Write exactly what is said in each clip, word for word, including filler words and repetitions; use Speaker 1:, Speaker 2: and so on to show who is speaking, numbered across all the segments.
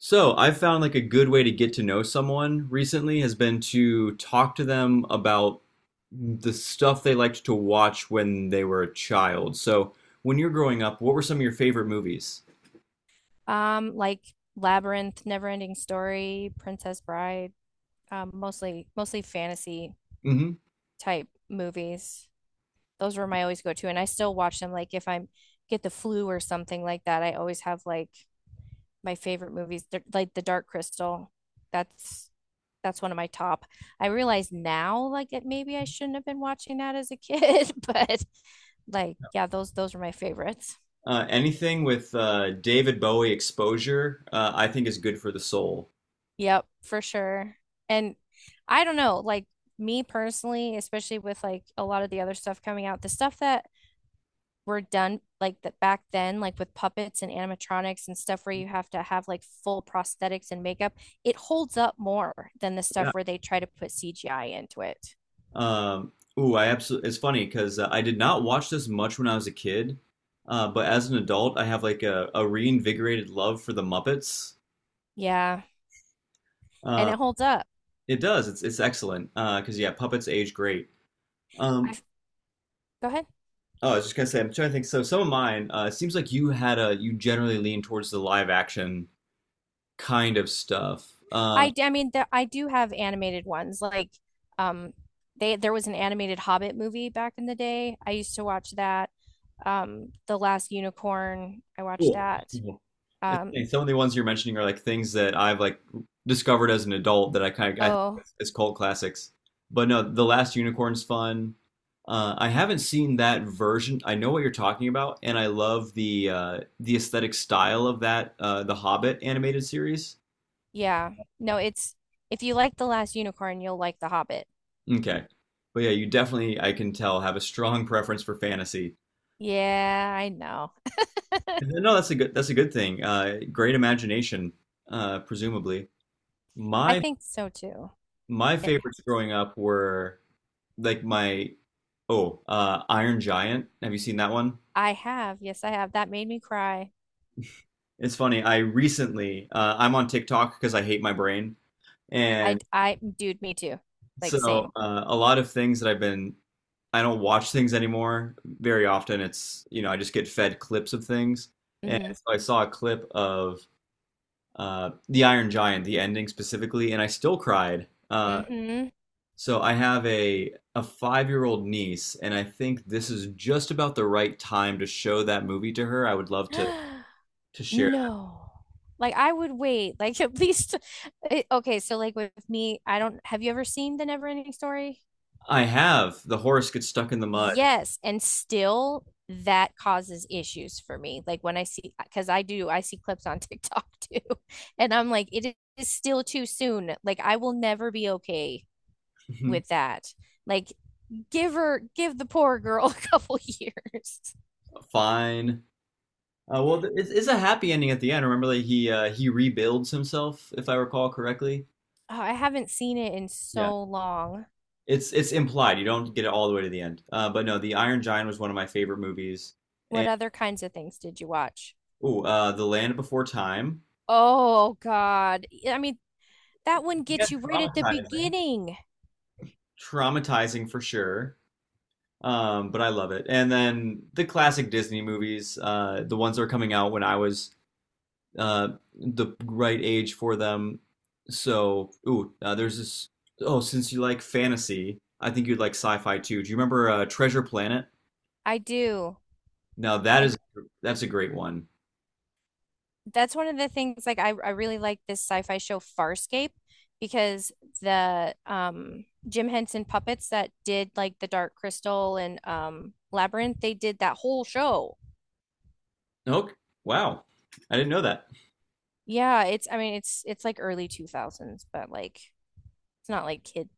Speaker 1: So, I've found like a good way to get to know someone recently has been to talk to them about the stuff they liked to watch when they were a child. So, when you're growing up, what were some of your favorite movies?
Speaker 2: Um, like Labyrinth, Neverending Story, Princess Bride, um, mostly mostly fantasy
Speaker 1: Hmm.
Speaker 2: type movies. Those were my always go-to, and I still watch them. Like if I get the flu or something like that, I always have like my favorite movies. They're- like The Dark Crystal. That's that's one of my top. I realize now, like it maybe I shouldn't have been watching that as a kid, but like yeah, those those were my favorites.
Speaker 1: Uh, anything with uh, David Bowie exposure, uh, I think is good for the soul.
Speaker 2: Yep, for sure. And I don't know, like me personally, especially with like a lot of the other stuff coming out, the stuff that were done like that back then, like with puppets and animatronics and stuff where you have to have like full prosthetics and makeup, it holds up more than the stuff
Speaker 1: Yeah.
Speaker 2: where they try to put C G I into it.
Speaker 1: Um, ooh, I absolutely. It's funny because uh, I did not watch this much when I was a kid, uh, but as an adult, I have like a, a reinvigorated love for the Muppets.
Speaker 2: Yeah, and
Speaker 1: Uh,
Speaker 2: it holds up.
Speaker 1: It does. It's it's excellent. Uh, because yeah, puppets age great.
Speaker 2: I
Speaker 1: Um,
Speaker 2: go ahead.
Speaker 1: oh, I was just gonna say, I'm trying to think. So some of mine, uh, it seems like you had a you generally lean towards the live action kind of stuff. Uh,
Speaker 2: I d- I mean, there, I do have animated ones like um they there was an animated Hobbit movie back in the day. I used to watch that. um The Last Unicorn. I watched
Speaker 1: cool.
Speaker 2: that.
Speaker 1: Cool. It's
Speaker 2: Um,
Speaker 1: funny, some of the ones you're mentioning are like things that I've like discovered as an adult that I kind of I think
Speaker 2: oh
Speaker 1: is, is cult classics. But no, The Last Unicorn's fun. Uh, I haven't seen that version. I know what you're talking about, and I love the uh, the aesthetic style of that uh, the Hobbit animated series.
Speaker 2: yeah. No, it's if you like The Last Unicorn, you'll like The Hobbit.
Speaker 1: Okay. But yeah, you definitely, I can tell, have a strong preference for fantasy.
Speaker 2: Yeah, I know.
Speaker 1: And then no, that's a good that's a good thing. Uh, great imagination, uh, presumably.
Speaker 2: I
Speaker 1: My
Speaker 2: think so too.
Speaker 1: my
Speaker 2: It
Speaker 1: favorites
Speaker 2: helps.
Speaker 1: growing up were like my oh, uh, Iron Giant. Have you seen that one?
Speaker 2: I have, yes, I have. That made me cry.
Speaker 1: It's funny. I recently uh, I'm on TikTok because I hate my brain,
Speaker 2: I
Speaker 1: and
Speaker 2: I dude, me too. Like
Speaker 1: so
Speaker 2: same.
Speaker 1: uh, a lot of things that I've been I don't watch things anymore very often. It's you know I just get fed clips of things, and
Speaker 2: Mm-hmm.
Speaker 1: so I saw a clip of uh, The Iron Giant, the ending specifically, and I still cried. Uh,
Speaker 2: Mm-hmm.
Speaker 1: so I have a a five-year-old niece, and I think this is just about the right time to show that movie to her. I would love to to share.
Speaker 2: No. Like I would wait. Like at least eh, okay, so like with me, I don't have you ever seen The Never Ending Story?
Speaker 1: That. I have the horse gets stuck in the mud.
Speaker 2: Yes, and still that causes issues for me. Like when I see, because I do, I see clips on TikTok too, and I'm like, it is still too soon. Like I will never be okay with that. Like give her, give the poor girl a couple years.
Speaker 1: Fine. Uh, well, th- it's, it's a happy ending at the end. Remember that he uh, he rebuilds himself, if I recall correctly.
Speaker 2: Oh, I haven't seen it in
Speaker 1: Yeah,
Speaker 2: so long.
Speaker 1: it's it's implied. You don't get it all the way to the end. Uh, but no, The Iron Giant was one of my favorite movies,
Speaker 2: What
Speaker 1: and
Speaker 2: other kinds of things did you watch?
Speaker 1: oh, uh, The Land Before Time.
Speaker 2: Oh God. I mean, that one
Speaker 1: Yeah,
Speaker 2: gets you right at the
Speaker 1: traumatizing.
Speaker 2: beginning.
Speaker 1: Traumatizing for sure. Um, but I love it. And then the classic Disney movies, uh, the ones that were coming out when I was uh, the right age for them. So, ooh, uh, there's this. Oh, since you like fantasy, I think you'd like sci-fi too. Do you remember uh, Treasure Planet?
Speaker 2: I do.
Speaker 1: Now that
Speaker 2: I
Speaker 1: is that's a great one.
Speaker 2: That's one of the things like I, I really like this sci-fi show Farscape because the um Jim Henson puppets that did like the Dark Crystal and um Labyrinth, they did that whole show.
Speaker 1: Okay, wow, I didn't know that.
Speaker 2: Yeah, it's I mean it's it's like early two thousands, but like it's not like kid,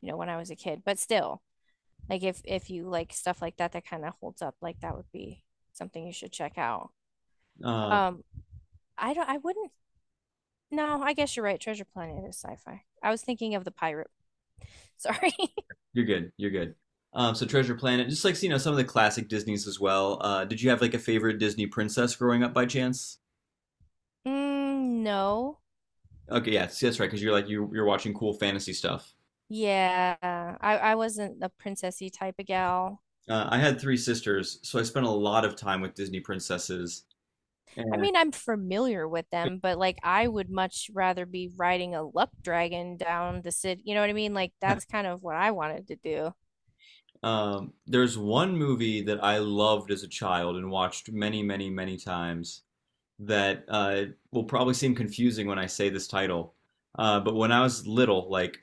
Speaker 2: you know, when I was a kid, but still like if if you like stuff like that that kind of holds up, like that would be something you should check out.
Speaker 1: Um,
Speaker 2: Um I don't I wouldn't no, I guess you're right. Treasure Planet is sci-fi. I was thinking of the pirate. Sorry.
Speaker 1: You're good. You're good. Um, so Treasure Planet, just like you know, some of the classic Disney's as well. Uh, did you have like a favorite Disney princess growing up by chance?
Speaker 2: Mm, no.
Speaker 1: Okay, yeah, see, that's right, because you're like you you're watching cool fantasy stuff.
Speaker 2: Yeah. I, I wasn't a princessy type of gal.
Speaker 1: Uh, I had three sisters, so I spent a lot of time with Disney princesses.
Speaker 2: I
Speaker 1: And
Speaker 2: mean, I'm familiar with them, but like I would much rather be riding a luck dragon down the city. You know what I mean? Like that's kind of what I wanted to do.
Speaker 1: um, there's one movie that I loved as a child and watched many, many, many times that uh, will probably seem confusing when I say this title. Uh, but when I was little, like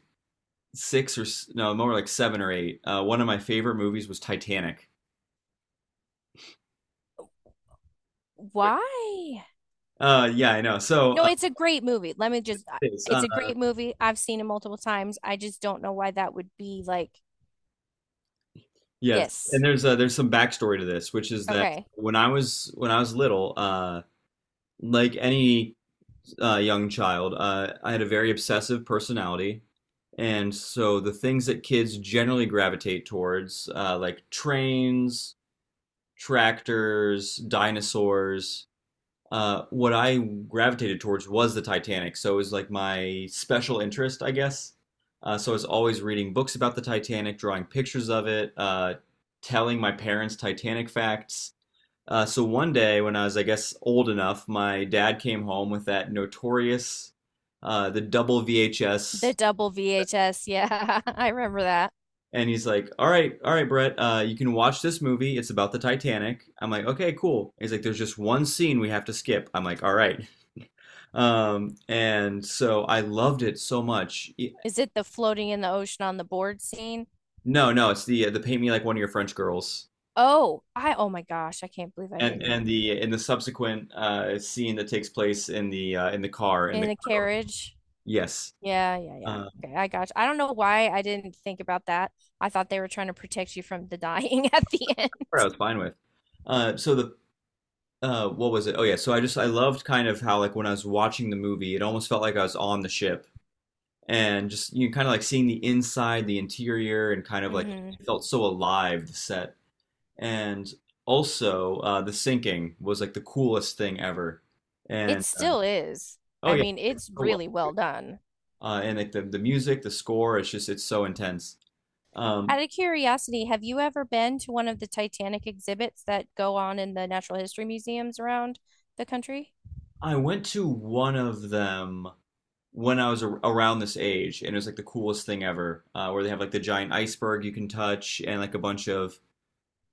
Speaker 1: six or s- no, more like seven or eight. Uh, one of my favorite movies was Titanic.
Speaker 2: Why?
Speaker 1: Uh, yeah, I know. So,
Speaker 2: No,
Speaker 1: uh,
Speaker 2: it's a great movie. Let me just, I-
Speaker 1: it's, uh,
Speaker 2: It's a great movie. I've seen it multiple times. I just don't know why that would be like,
Speaker 1: yeah, and
Speaker 2: yes.
Speaker 1: there's uh, there's some backstory to this, which is that
Speaker 2: Okay.
Speaker 1: when I was when I was little, uh, like any uh, young child, uh, I had a very obsessive personality, and so the things that kids generally gravitate towards, uh, like trains, tractors, dinosaurs, uh, what I gravitated towards was the Titanic. So it was like my special interest, I guess. Uh, so I was always reading books about the Titanic, drawing pictures of it, uh, telling my parents Titanic facts. Uh, so one day, when I was, I guess, old enough, my dad came home with that notorious, uh, the double
Speaker 2: The
Speaker 1: V H S,
Speaker 2: double V H S. Yeah, I remember that.
Speaker 1: and he's like, "All right, all right, Brett, uh, you can watch this movie. It's about the Titanic." I'm like, "Okay, cool." He's like, "There's just one scene we have to skip." I'm like, "All right." Um, and so I loved it so much. E-
Speaker 2: Is it the floating in the ocean on the board?
Speaker 1: no, no, it's the uh, the paint me like one of your French girls,
Speaker 2: Oh, I, oh my gosh, I can't believe I
Speaker 1: and
Speaker 2: didn't
Speaker 1: and
Speaker 2: even
Speaker 1: the in the subsequent uh scene that takes place in the uh, in the car in
Speaker 2: in
Speaker 1: the
Speaker 2: the
Speaker 1: car.
Speaker 2: carriage.
Speaker 1: Yes,
Speaker 2: Yeah, yeah, yeah.
Speaker 1: uh,
Speaker 2: Okay, I got you. I don't know why I didn't think about that. I thought they were trying to protect you from the dying at the end.
Speaker 1: part I was fine with. Uh, so the uh, What was it? Oh yeah, so I just I loved kind of how like when I was watching the movie, it almost felt like I was on the ship and just you know, kind of like seeing the inside, the interior, and kind of like
Speaker 2: Hmm.
Speaker 1: it felt so alive, the set. And also, uh, the sinking was like the coolest thing ever.
Speaker 2: It
Speaker 1: And
Speaker 2: still is.
Speaker 1: oh
Speaker 2: I
Speaker 1: yeah,
Speaker 2: mean,
Speaker 1: it's
Speaker 2: it's
Speaker 1: so well.
Speaker 2: really
Speaker 1: Done.
Speaker 2: well done.
Speaker 1: Uh, and like the, the music, the score, it's just it's so intense. Um,
Speaker 2: Out of curiosity, have you ever been to one of the Titanic exhibits that go on in the natural history museums around the country?
Speaker 1: I went to one of them when I was ar around this age, and it was like the coolest thing ever, uh, where they have like the giant iceberg you can touch and like a bunch of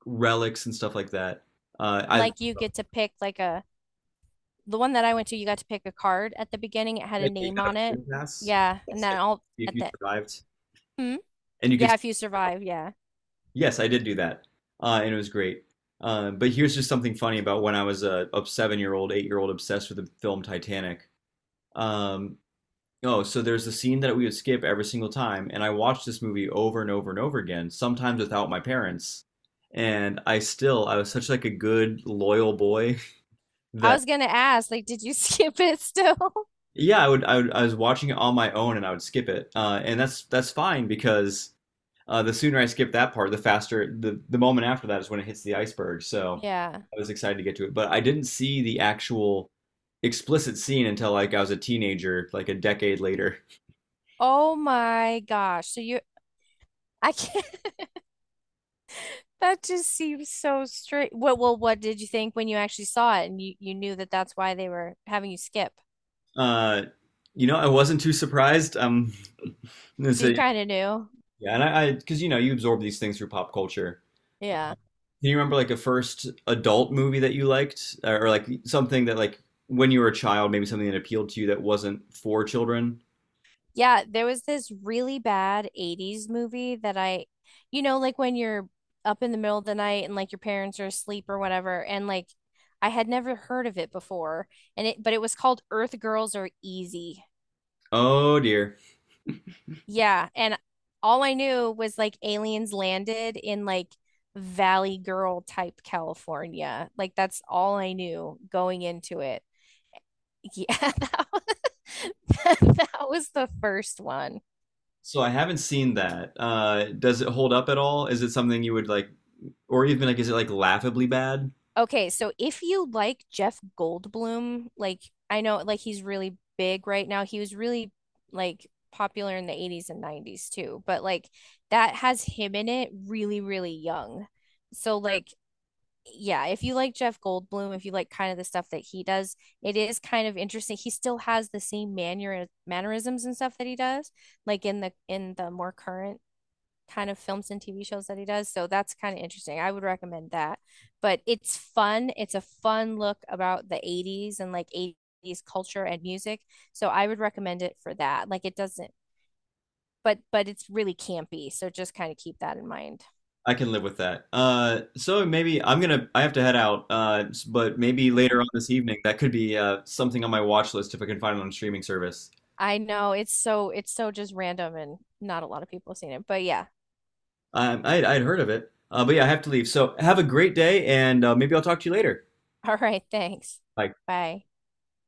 Speaker 1: relics and stuff like that. Uh, I like
Speaker 2: Like you get to pick like a, the one that I went to, you got to pick a card at the beginning. It had a
Speaker 1: that you
Speaker 2: name
Speaker 1: got a
Speaker 2: on it.
Speaker 1: prison pass
Speaker 2: Yeah, and then all
Speaker 1: if
Speaker 2: at
Speaker 1: you
Speaker 2: the.
Speaker 1: survived,
Speaker 2: Hmm?
Speaker 1: and you could
Speaker 2: Yeah, if you survive, yeah.
Speaker 1: yes, I did do that, uh, and it was great. Uh, but here's just something funny about when I was a, a seven-year-old, eight-year-old obsessed with the film Titanic. Um, oh, so there's a scene that we would skip every single time, and I watched this movie over and over and over again, sometimes without my parents. And I still, I was such like a good, loyal boy
Speaker 2: I
Speaker 1: that
Speaker 2: was gonna ask, like, did you skip it still?
Speaker 1: yeah, I would, I would, I was watching it on my own, and I would skip it, uh, and that's that's fine because. Uh, the sooner I skip that part, the faster the the moment after that is when it hits the iceberg. So
Speaker 2: Yeah.
Speaker 1: I was excited to get to it, but I didn't see the actual explicit scene until like I was a teenager, like a decade later.
Speaker 2: Oh my gosh. So you, I can't, that just seems so straight. What, well, what did you think when you actually saw it and you, you knew that that's why they were having you skip?
Speaker 1: Uh, you know, I wasn't too surprised. Um, it's
Speaker 2: So you
Speaker 1: a,
Speaker 2: kind of knew.
Speaker 1: yeah, and I because you know you absorb these things through pop culture.
Speaker 2: Yeah.
Speaker 1: Do you remember like a first adult movie that you liked, or, or like something that like when you were a child, maybe something that appealed to you that wasn't for children?
Speaker 2: Yeah, there was this really bad eighties movie that I, you know, like when you're up in the middle of the night and like your parents are asleep or whatever, and like I had never heard of it before. And it, but it was called Earth Girls Are Easy.
Speaker 1: Oh dear.
Speaker 2: Yeah. And all I knew was like aliens landed in like Valley Girl type California. Like that's all I knew going into it. Yeah, that was, that was the first one.
Speaker 1: So I haven't seen that. Uh, does it hold up at all? Is it something you would like, or even like, is it like laughably bad?
Speaker 2: Okay, so if you like Jeff Goldblum, like I know like he's really big right now. He was really like popular in the eighties and nineties too, but like that has him in it really, really young. So like yeah, if you like Jeff Goldblum, if you like kind of the stuff that he does, it is kind of interesting. He still has the same manner mannerisms and stuff that he does, like in the in the more current kind of films and T V shows that he does. So that's kind of interesting. I would recommend that. But it's fun. It's a fun look about the eighties and like eighties culture and music. So I would recommend it for that. Like it doesn't, but but it's really campy. So just kind of keep that in mind.
Speaker 1: I can live with that. Uh, so maybe I'm gonna, I have to head out. Uh, s- but maybe later
Speaker 2: Okay.
Speaker 1: on this evening, that could be uh, something on my watch list if I can find it on a streaming service.
Speaker 2: I know it's so it's so just random and not a lot of people have seen it. But yeah.
Speaker 1: Um, I'd, I'd heard of it. Uh, but yeah, I have to leave. So have a great day, and uh, maybe I'll talk to you later.
Speaker 2: All right, thanks.
Speaker 1: Bye.
Speaker 2: Bye.